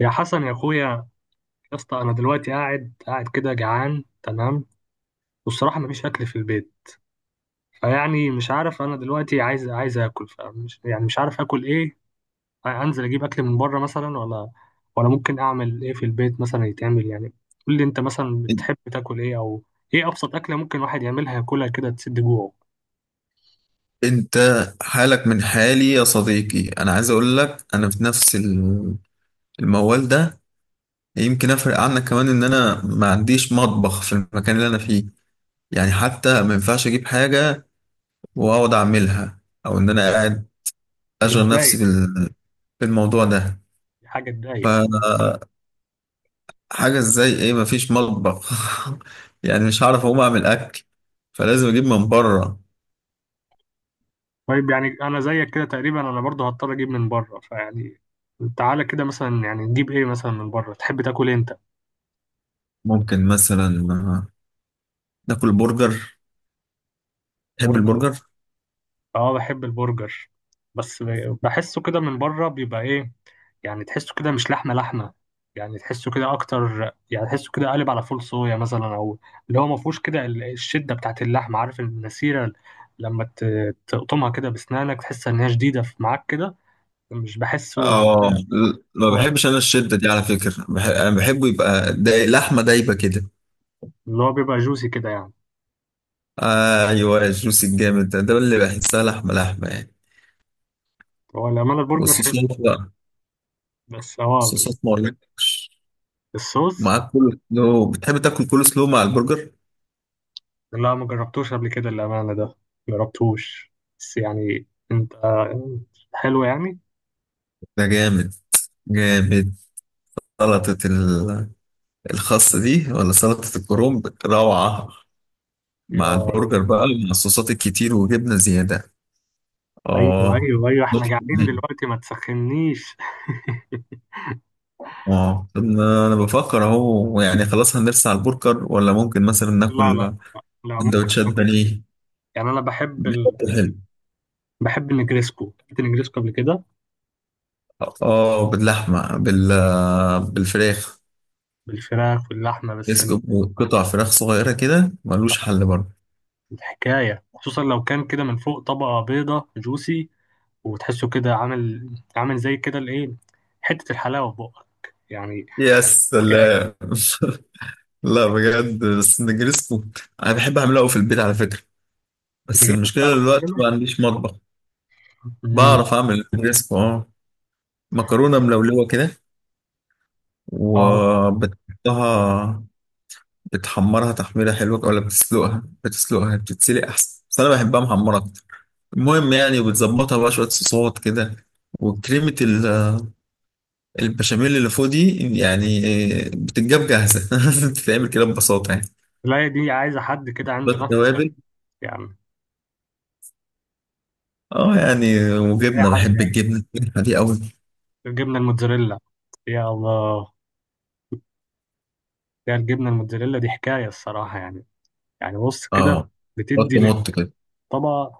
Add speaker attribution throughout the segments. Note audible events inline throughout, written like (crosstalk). Speaker 1: يا حسن يا اخويا، يا اسطى، انا دلوقتي قاعد كده جعان، تمام. والصراحه مفيش اكل في البيت، فيعني مش عارف انا دلوقتي عايز اكل، فمش يعني مش عارف اكل ايه. انزل اجيب اكل من بره مثلا ولا ممكن اعمل ايه في البيت مثلا يتعمل يعني. قول لي انت مثلا بتحب تاكل ايه، او ايه ابسط اكله ممكن واحد يعملها ياكلها كده تسد جوعه؟
Speaker 2: انت حالك من حالي يا صديقي، انا عايز اقول لك انا في نفس الموال ده. يمكن افرق عنك كمان ان انا ما عنديش مطبخ في المكان اللي انا فيه، يعني حتى ما ينفعش اجيب حاجة واقعد اعملها، او ان انا
Speaker 1: آه،.
Speaker 2: قاعد اشغل نفسي
Speaker 1: يتضايق.
Speaker 2: بالموضوع ده.
Speaker 1: حاجه تضايق.
Speaker 2: فحاجة، ازاي، ايه؟ ما فيش مطبخ؟ (laughs) يعني مش هعرف اقوم اعمل اكل، فلازم اجيب من بره.
Speaker 1: طيب يعني انا زيك كده تقريبا، انا برضه هضطر اجيب من بره، فيعني تعالى كده مثلا يعني نجيب ايه مثلا من بره، تحب تاكل ايه انت؟
Speaker 2: ممكن مثلا آه، ناكل برجر. تحب
Speaker 1: برجر.
Speaker 2: البرجر؟
Speaker 1: اه بحب البرجر، بس بحسه كده من بره بيبقى ايه، يعني تحسه كده مش لحمه لحمه، يعني تحسه كده اكتر، يعني تحسه كده قالب على فول صويا مثلا، او اللي هو ما فيهوش كده الشده بتاعت اللحمه، عارف النسيره لما تقطمها كده بسنانك تحس ان هي شديده في معاك كده. مش بحسه.
Speaker 2: اه، ما
Speaker 1: هو
Speaker 2: بحبش انا الشده دي على فكره، انا بحبه يبقى لحمه دايبه كده.
Speaker 1: اللي هو بيبقى جوسي كده يعني.
Speaker 2: آه ايوه، الجوس الجامد ده، ده اللي بحسها لحمه لحمه يعني.
Speaker 1: هو الامانه البرجر حلو،
Speaker 2: والصوصات بقى،
Speaker 1: بس هو
Speaker 2: الصوصات ما اقولكش.
Speaker 1: الصوص.
Speaker 2: معاك كل سلو؟ بتحب تاكل كل سلو مع البرجر؟
Speaker 1: لا ما جربتوش قبل كده الأمانة ده، ما جربتوش، بس يعني أنت، حلو يعني.
Speaker 2: ده جامد جامد. سلطه الخاص دي ولا سلطه الكرنب، روعه
Speaker 1: يا
Speaker 2: مع
Speaker 1: الله.
Speaker 2: البرجر بقى، مع الصوصات الكتير وجبنه زياده.
Speaker 1: أيوه
Speaker 2: اه
Speaker 1: أيوه أيوه، إحنا قاعدين دلوقتي ما تسخنيش. (laughs)
Speaker 2: اه، طب ما انا بفكر اهو، يعني خلاص هنرسى على البرجر ولا ممكن مثلا
Speaker 1: لا لا،
Speaker 2: ناكل
Speaker 1: لا ممكن
Speaker 2: سندوتشات
Speaker 1: ممكن.
Speaker 2: بانيه
Speaker 1: يعني أنا بحب
Speaker 2: بشكل حلو.
Speaker 1: بحب النجريسكو، أكلت النجريسكو قبل كده،
Speaker 2: اه، باللحمه بالفراخ.
Speaker 1: بالفراخ واللحمة، بس
Speaker 2: يسكب قطع فراخ صغيره كده ملوش حل برضه.
Speaker 1: الحكاية خصوصا لو كان كده من فوق طبقة بيضة جوسي، وتحسه كده عامل زي كده الإيه، حتة الحلاوة في بقك يعني،
Speaker 2: يا
Speaker 1: حكاية.
Speaker 2: سلام (laughs) لا بجد، بس نجرسكو انا بحب اعمله قوي في البيت على فكره، بس
Speaker 1: بجد
Speaker 2: المشكله
Speaker 1: بتعرف
Speaker 2: دلوقتي ما عنديش مطبخ.
Speaker 1: تعمله؟
Speaker 2: بعرف اعمل نجرسكو اه. مكرونه ملولوه كده،
Speaker 1: اه.
Speaker 2: وبتحطها، بتحمرها تحميرة حلوة، ولا بتسلقها بتتسلق أحسن، بس أنا بحبها محمرة أكتر. المهم يعني، وبتظبطها بقى شوية صوصات كده، وكريمة البشاميل اللي فوق دي يعني، بتتجاب جاهزة. (laughs) بتتعمل كده ببساطة يعني.
Speaker 1: لا دي عايزة حد كده
Speaker 2: بس
Speaker 1: عنده نفس خفيف
Speaker 2: توابل.
Speaker 1: يعني،
Speaker 2: اه يعني،
Speaker 1: أي
Speaker 2: وجبنة،
Speaker 1: حد
Speaker 2: بحب
Speaker 1: يعني.
Speaker 2: الجبنة دي أوي.
Speaker 1: الجبنة الموتزاريلا، يا الله، يا الجبنة الموتزاريلا دي حكاية الصراحة يعني. يعني بص كده،
Speaker 2: اه، بط
Speaker 1: بتدي
Speaker 2: مط كده.
Speaker 1: للطبق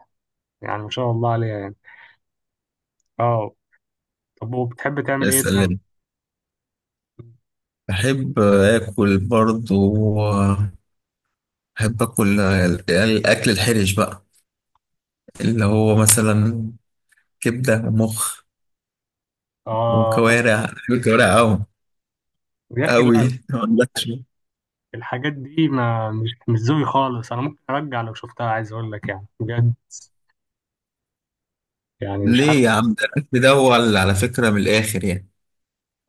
Speaker 1: يعني، ما شاء الله عليها يعني. اه. طب وبتحب تعمل
Speaker 2: يا
Speaker 1: ايه تاني؟
Speaker 2: سلام. بحب آكل برضو، بحب آكل الأكل الحرش بقى، اللي هو مثلا كبدة ومخ
Speaker 1: اه.
Speaker 2: وكوارع. أنا كوارع أوي
Speaker 1: يا اخي
Speaker 2: أوي.
Speaker 1: لا،
Speaker 2: ما عندكش؟
Speaker 1: الحاجات دي ما مش ذوقي خالص، انا ممكن ارجع لو شفتها، عايز اقول لك يعني بجد، يعني مش
Speaker 2: ليه
Speaker 1: عارف.
Speaker 2: يا عم؟ ده الأكل ده هو على فكرة من الآخر يعني.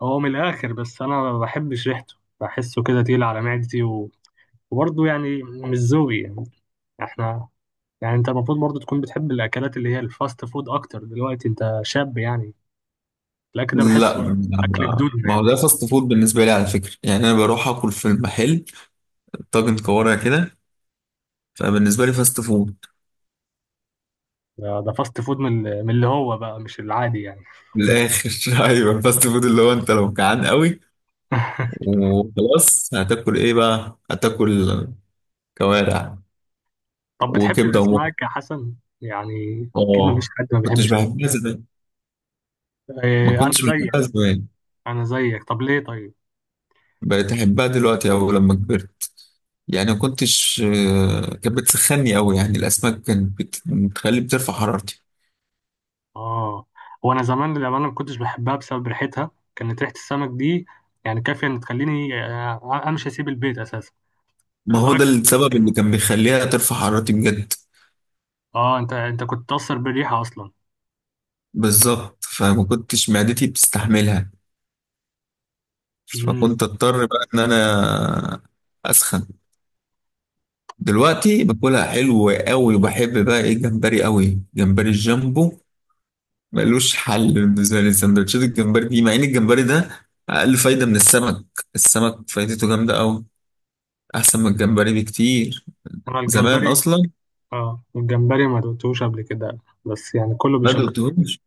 Speaker 1: هو من الاخر، بس انا ما بحبش ريحته، بحسه كده تقيل على معدتي و... وبرضه يعني مش ذوقي يعني. احنا يعني انت المفروض برضو تكون بتحب الاكلات اللي هي الفاست فود اكتر دلوقتي، انت شاب يعني. الاكل ده بحسه
Speaker 2: لا،
Speaker 1: اكل
Speaker 2: ما
Speaker 1: جدودنا
Speaker 2: ما
Speaker 1: يعني.
Speaker 2: هو ده فاست فود بالنسبة لي على فكرة، يعني أنا بروح أكل في المحل طاجن كوارع كده، فبالنسبة لي فاست فود.
Speaker 1: ده فاست فود، من اللي هو بقى مش العادي يعني.
Speaker 2: من الآخر (laughs) أيوه فاست فود اللي هو أنت لو جعان قوي
Speaker 1: (laughs)
Speaker 2: وخلاص هتاكل إيه؟ بقى هتاكل كوارع
Speaker 1: طب بتحب
Speaker 2: وكبدة ومخ.
Speaker 1: الاسماك يا حسن يعني؟
Speaker 2: آه.
Speaker 1: اكيد مفيش حد ما
Speaker 2: ما كنتش
Speaker 1: بيحبش.
Speaker 2: بحبها زمان، ما
Speaker 1: اه انا
Speaker 2: كنتش
Speaker 1: زيك.
Speaker 2: بحبها زمان،
Speaker 1: انا زيك، طب ليه طيب؟
Speaker 2: بقيت احبها دلوقتي او لما كبرت. يعني ما كنتش، كانت بتسخني قوي، يعني الاسماك كانت بت- بتخلي بترفع حرارتي.
Speaker 1: اه. وانا زمان للامانه ما كنتش بحبها بسبب ريحتها، كانت ريحه السمك دي يعني كافيه ان تخليني امشي اسيب البيت اساسا،
Speaker 2: ما هو
Speaker 1: لدرجه.
Speaker 2: ده السبب اللي كان بيخليها ترفع حرارتي بجد.
Speaker 1: اه انت كنت تاثر بالريحه اصلا.
Speaker 2: بالظبط، فما كنتش معدتي بتستحملها،
Speaker 1: مم.
Speaker 2: فكنت اضطر بقى ان انا اسخن. دلوقتي باكلها حلو قوي، وبحب بقى ايه، الجمبري قوي، جمبري الجامبو ملوش حل بالنسبه لي. سندوتشات الجمبري دي، مع ان الجمبري ده اقل فايده من السمك. السمك فايدته جامده قوي، احسن من الجمبري بكتير
Speaker 1: انا
Speaker 2: زمان
Speaker 1: الجمبري،
Speaker 2: اصلا.
Speaker 1: اه الجمبري ما دقتوش قبل كده، بس يعني كله
Speaker 2: ما
Speaker 1: بيشكر.
Speaker 2: دقتهوش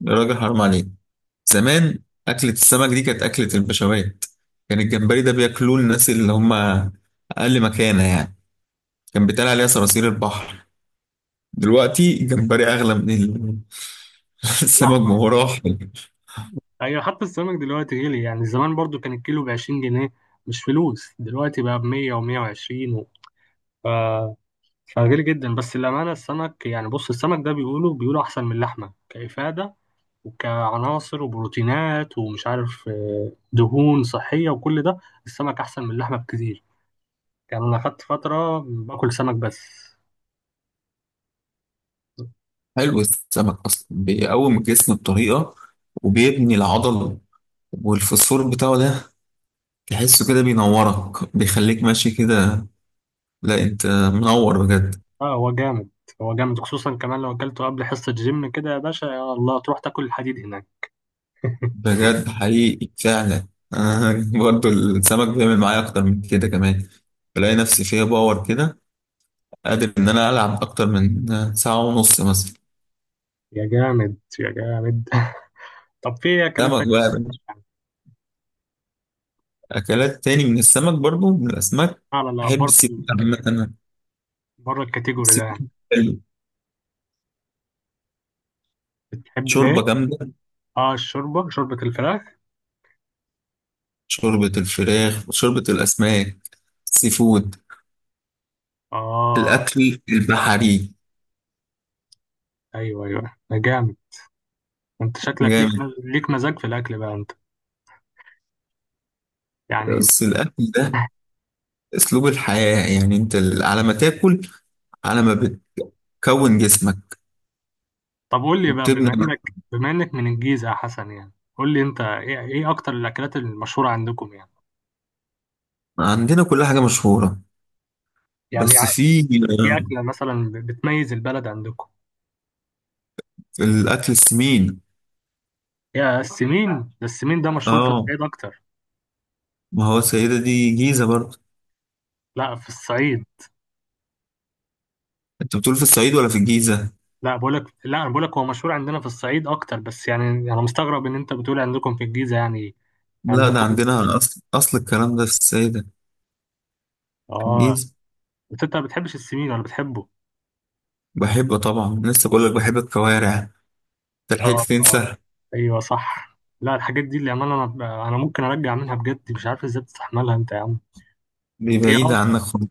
Speaker 2: يا راجل، حرام عليك. زمان اكله السمك دي كانت اكله البشوات، كان الجمبري ده بياكلوه الناس اللي هم اقل مكانه يعني، كان بيتقال عليها صراصير البحر. دلوقتي الجمبري اغلى من (laughs)
Speaker 1: لا.
Speaker 2: السمك. ما هو راح.
Speaker 1: ايوه حتى السمك دلوقتي غلي يعني، زمان برضو كان الكيلو ب 20 جنيه، مش فلوس، دلوقتي بقى ب 100 و120 و... ف... فغالي جدا. بس الامانه السمك، يعني بص، السمك ده بيقولوا احسن من اللحمه كافاده وكعناصر وبروتينات ومش عارف دهون صحيه وكل ده. السمك احسن من اللحمه بكتير، يعني انا خدت فتره باكل سمك بس.
Speaker 2: حلو، السمك اصلا بيقوم الجسم بطريقه، وبيبني العضل، والفوسفور بتاعه ده تحسه كده بينورك، بيخليك ماشي كده. لا انت منور بجد.
Speaker 1: اه هو جامد، هو جامد، خصوصا كمان لو اكلته قبل حصة جيم كده يا باشا، يا الله تروح تاكل الحديد هناك. (laughs)
Speaker 2: بجد حقيقي فعلا. آه (laughs) برضو السمك بيعمل معايا اكتر من كده كمان، بلاقي نفسي فيها باور كده، قادر ان انا العب اكتر من ساعة ونص مثلا.
Speaker 1: يا جامد يا جامد. (laughs) طب في اكلات تانية
Speaker 2: سمك بقى يا
Speaker 1: بتحبها؟
Speaker 2: باشا. اكلات تاني من السمك، برضو من الاسماك.
Speaker 1: على
Speaker 2: احب
Speaker 1: بره
Speaker 2: السيفود عامة أنا.
Speaker 1: بره الكاتيجوري ده يعني؟
Speaker 2: السيفود حلو.
Speaker 1: بتحب ليه؟
Speaker 2: شوربة جامدة،
Speaker 1: اه الشوربة، شوربة الفراخ.
Speaker 2: شوربة الفراخ وشوربة الاسماك، السيفود،
Speaker 1: اه.
Speaker 2: الاكل البحري.
Speaker 1: ايوه ايوه، ده جامد. انت شكلك ليك
Speaker 2: جامد.
Speaker 1: ليك مزاج في الاكل بقى انت يعني.
Speaker 2: بس الاكل ده اسلوب الحياة يعني، انت على ما تاكل على ما بتكون جسمك
Speaker 1: طب قول لي بقى، بما
Speaker 2: وبتبني.
Speaker 1: انك بما انك من الجيزة يا حسن، يعني قول لي انت، ايه اكتر الاكلات المشهورة عندكم يعني؟
Speaker 2: عندنا كل حاجة مشهورة،
Speaker 1: يعني
Speaker 2: بس في
Speaker 1: ايه اكلة مثلا بتميز البلد عندكم؟
Speaker 2: في الأكل السمين.
Speaker 1: يا السمين، ده مشهور في
Speaker 2: اه،
Speaker 1: الصعيد اكتر.
Speaker 2: ما هو السيدة دي جيزة برضه.
Speaker 1: لا في الصعيد،
Speaker 2: انت بتقول في الصعيد ولا في الجيزة؟
Speaker 1: لا بقولك، لا انا بقولك هو مشهور عندنا في الصعيد اكتر، بس يعني انا مستغرب ان انت بتقول عندكم في الجيزة يعني.
Speaker 2: لا، ده
Speaker 1: عندكم؟
Speaker 2: عندنا، أصل الكلام ده في السيدة، في
Speaker 1: اه.
Speaker 2: الجيزة.
Speaker 1: بس انت ما بتحبش السمين ولا بتحبه؟
Speaker 2: بحب طبعا، لسه بقول لك بحب الكوارع، انت لحقت
Speaker 1: اه اه،
Speaker 2: تنسى؟
Speaker 1: ايوه صح. لا الحاجات دي اللي انا ممكن ارجع منها بجد، مش عارف ازاي بتستحملها انت يا عم.
Speaker 2: دي
Speaker 1: هي
Speaker 2: بعيدة
Speaker 1: اه،
Speaker 2: عنك خالص.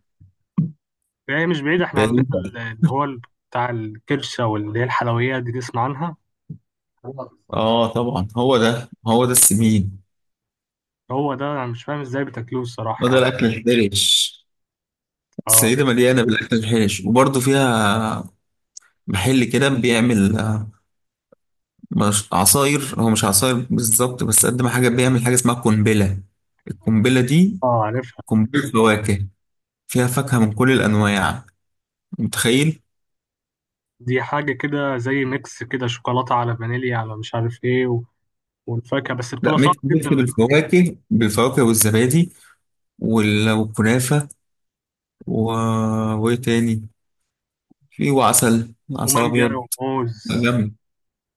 Speaker 1: هي مش بعيدة، احنا عندنا
Speaker 2: بعيدة.
Speaker 1: اللي هو بتاع الكرشة واللي هي الحلويات دي، تسمع عنها؟
Speaker 2: اه طبعا، هو ده هو ده السمين.
Speaker 1: هو ده. انا مش فاهم ازاي بتاكلوه
Speaker 2: هو
Speaker 1: الصراحة
Speaker 2: ده
Speaker 1: يعني.
Speaker 2: الأكل الحرش.
Speaker 1: اه
Speaker 2: السيدة مليانة بالأكل الحرش، وبرضه فيها محل كده بيعمل مش عصاير، هو مش عصاير بالظبط، بس قد ما حاجة، بيعمل حاجة اسمها قنبلة. القنبلة دي
Speaker 1: اه عارف.
Speaker 2: قنبلة فواكه، فيها فاكهة من كل الأنواع، متخيل؟
Speaker 1: دي حاجة كده زي ميكس كده، شوكولاتة على فانيليا على مش عارف ايه و... والفاكهة، بس
Speaker 2: لا،
Speaker 1: بتبقى
Speaker 2: ميكس
Speaker 1: صعبة
Speaker 2: ميكس
Speaker 1: جدا.
Speaker 2: بالفواكه والزبادي والكنافة و... وإيه تاني؟ في، وعسل، عسل
Speaker 1: ومانجا
Speaker 2: أبيض.
Speaker 1: وموز.
Speaker 2: لا، جامد.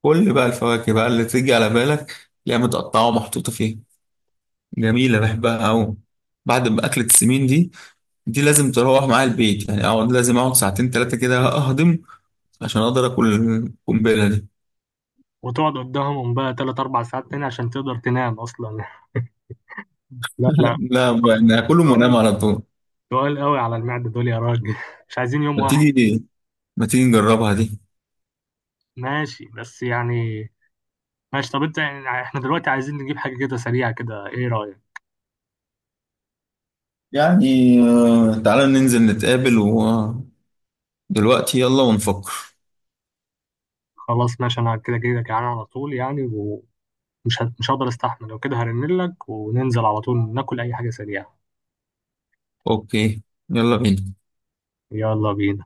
Speaker 2: كل بقى الفواكه بقى اللي تيجي على بالك تلاقيها متقطعة ومحطوطة فيها. جميلة، بحبها أوي. بعد ما أكلة السمين دي، دي لازم تروح معايا البيت يعني، اقعد، لازم اقعد ساعتين ثلاثه كده اهضم، عشان اقدر اكل القنبله دي.
Speaker 1: وتقعد قدامهم بقى تلات أربع ساعات تاني عشان تقدر تنام أصلا. (laughs) لا لا،
Speaker 2: (laughs) لا، انا هاكلهم وانام
Speaker 1: سؤال
Speaker 2: على طول.
Speaker 1: سؤال قوي على المعدة دول يا راجل. (laughs) مش عايزين يوم
Speaker 2: ما
Speaker 1: واحد.
Speaker 2: تيجي ما تيجي نجربها دي.
Speaker 1: ماشي بس يعني، ماشي. طب انت يعني احنا دلوقتي عايزين نجيب حاجة كده سريعة كده، ايه رأيك؟
Speaker 2: يعني تعالى ننزل نتقابل ودلوقتي، يلا ونفكر.
Speaker 1: خلاص ماشي، انا كده كده جعان على طول يعني، ومش مش هقدر استحمل، لو كده هرنلك وننزل على طول ناكل اي حاجة سريعة.
Speaker 2: اوكي، يلا بينا.
Speaker 1: يلا بينا.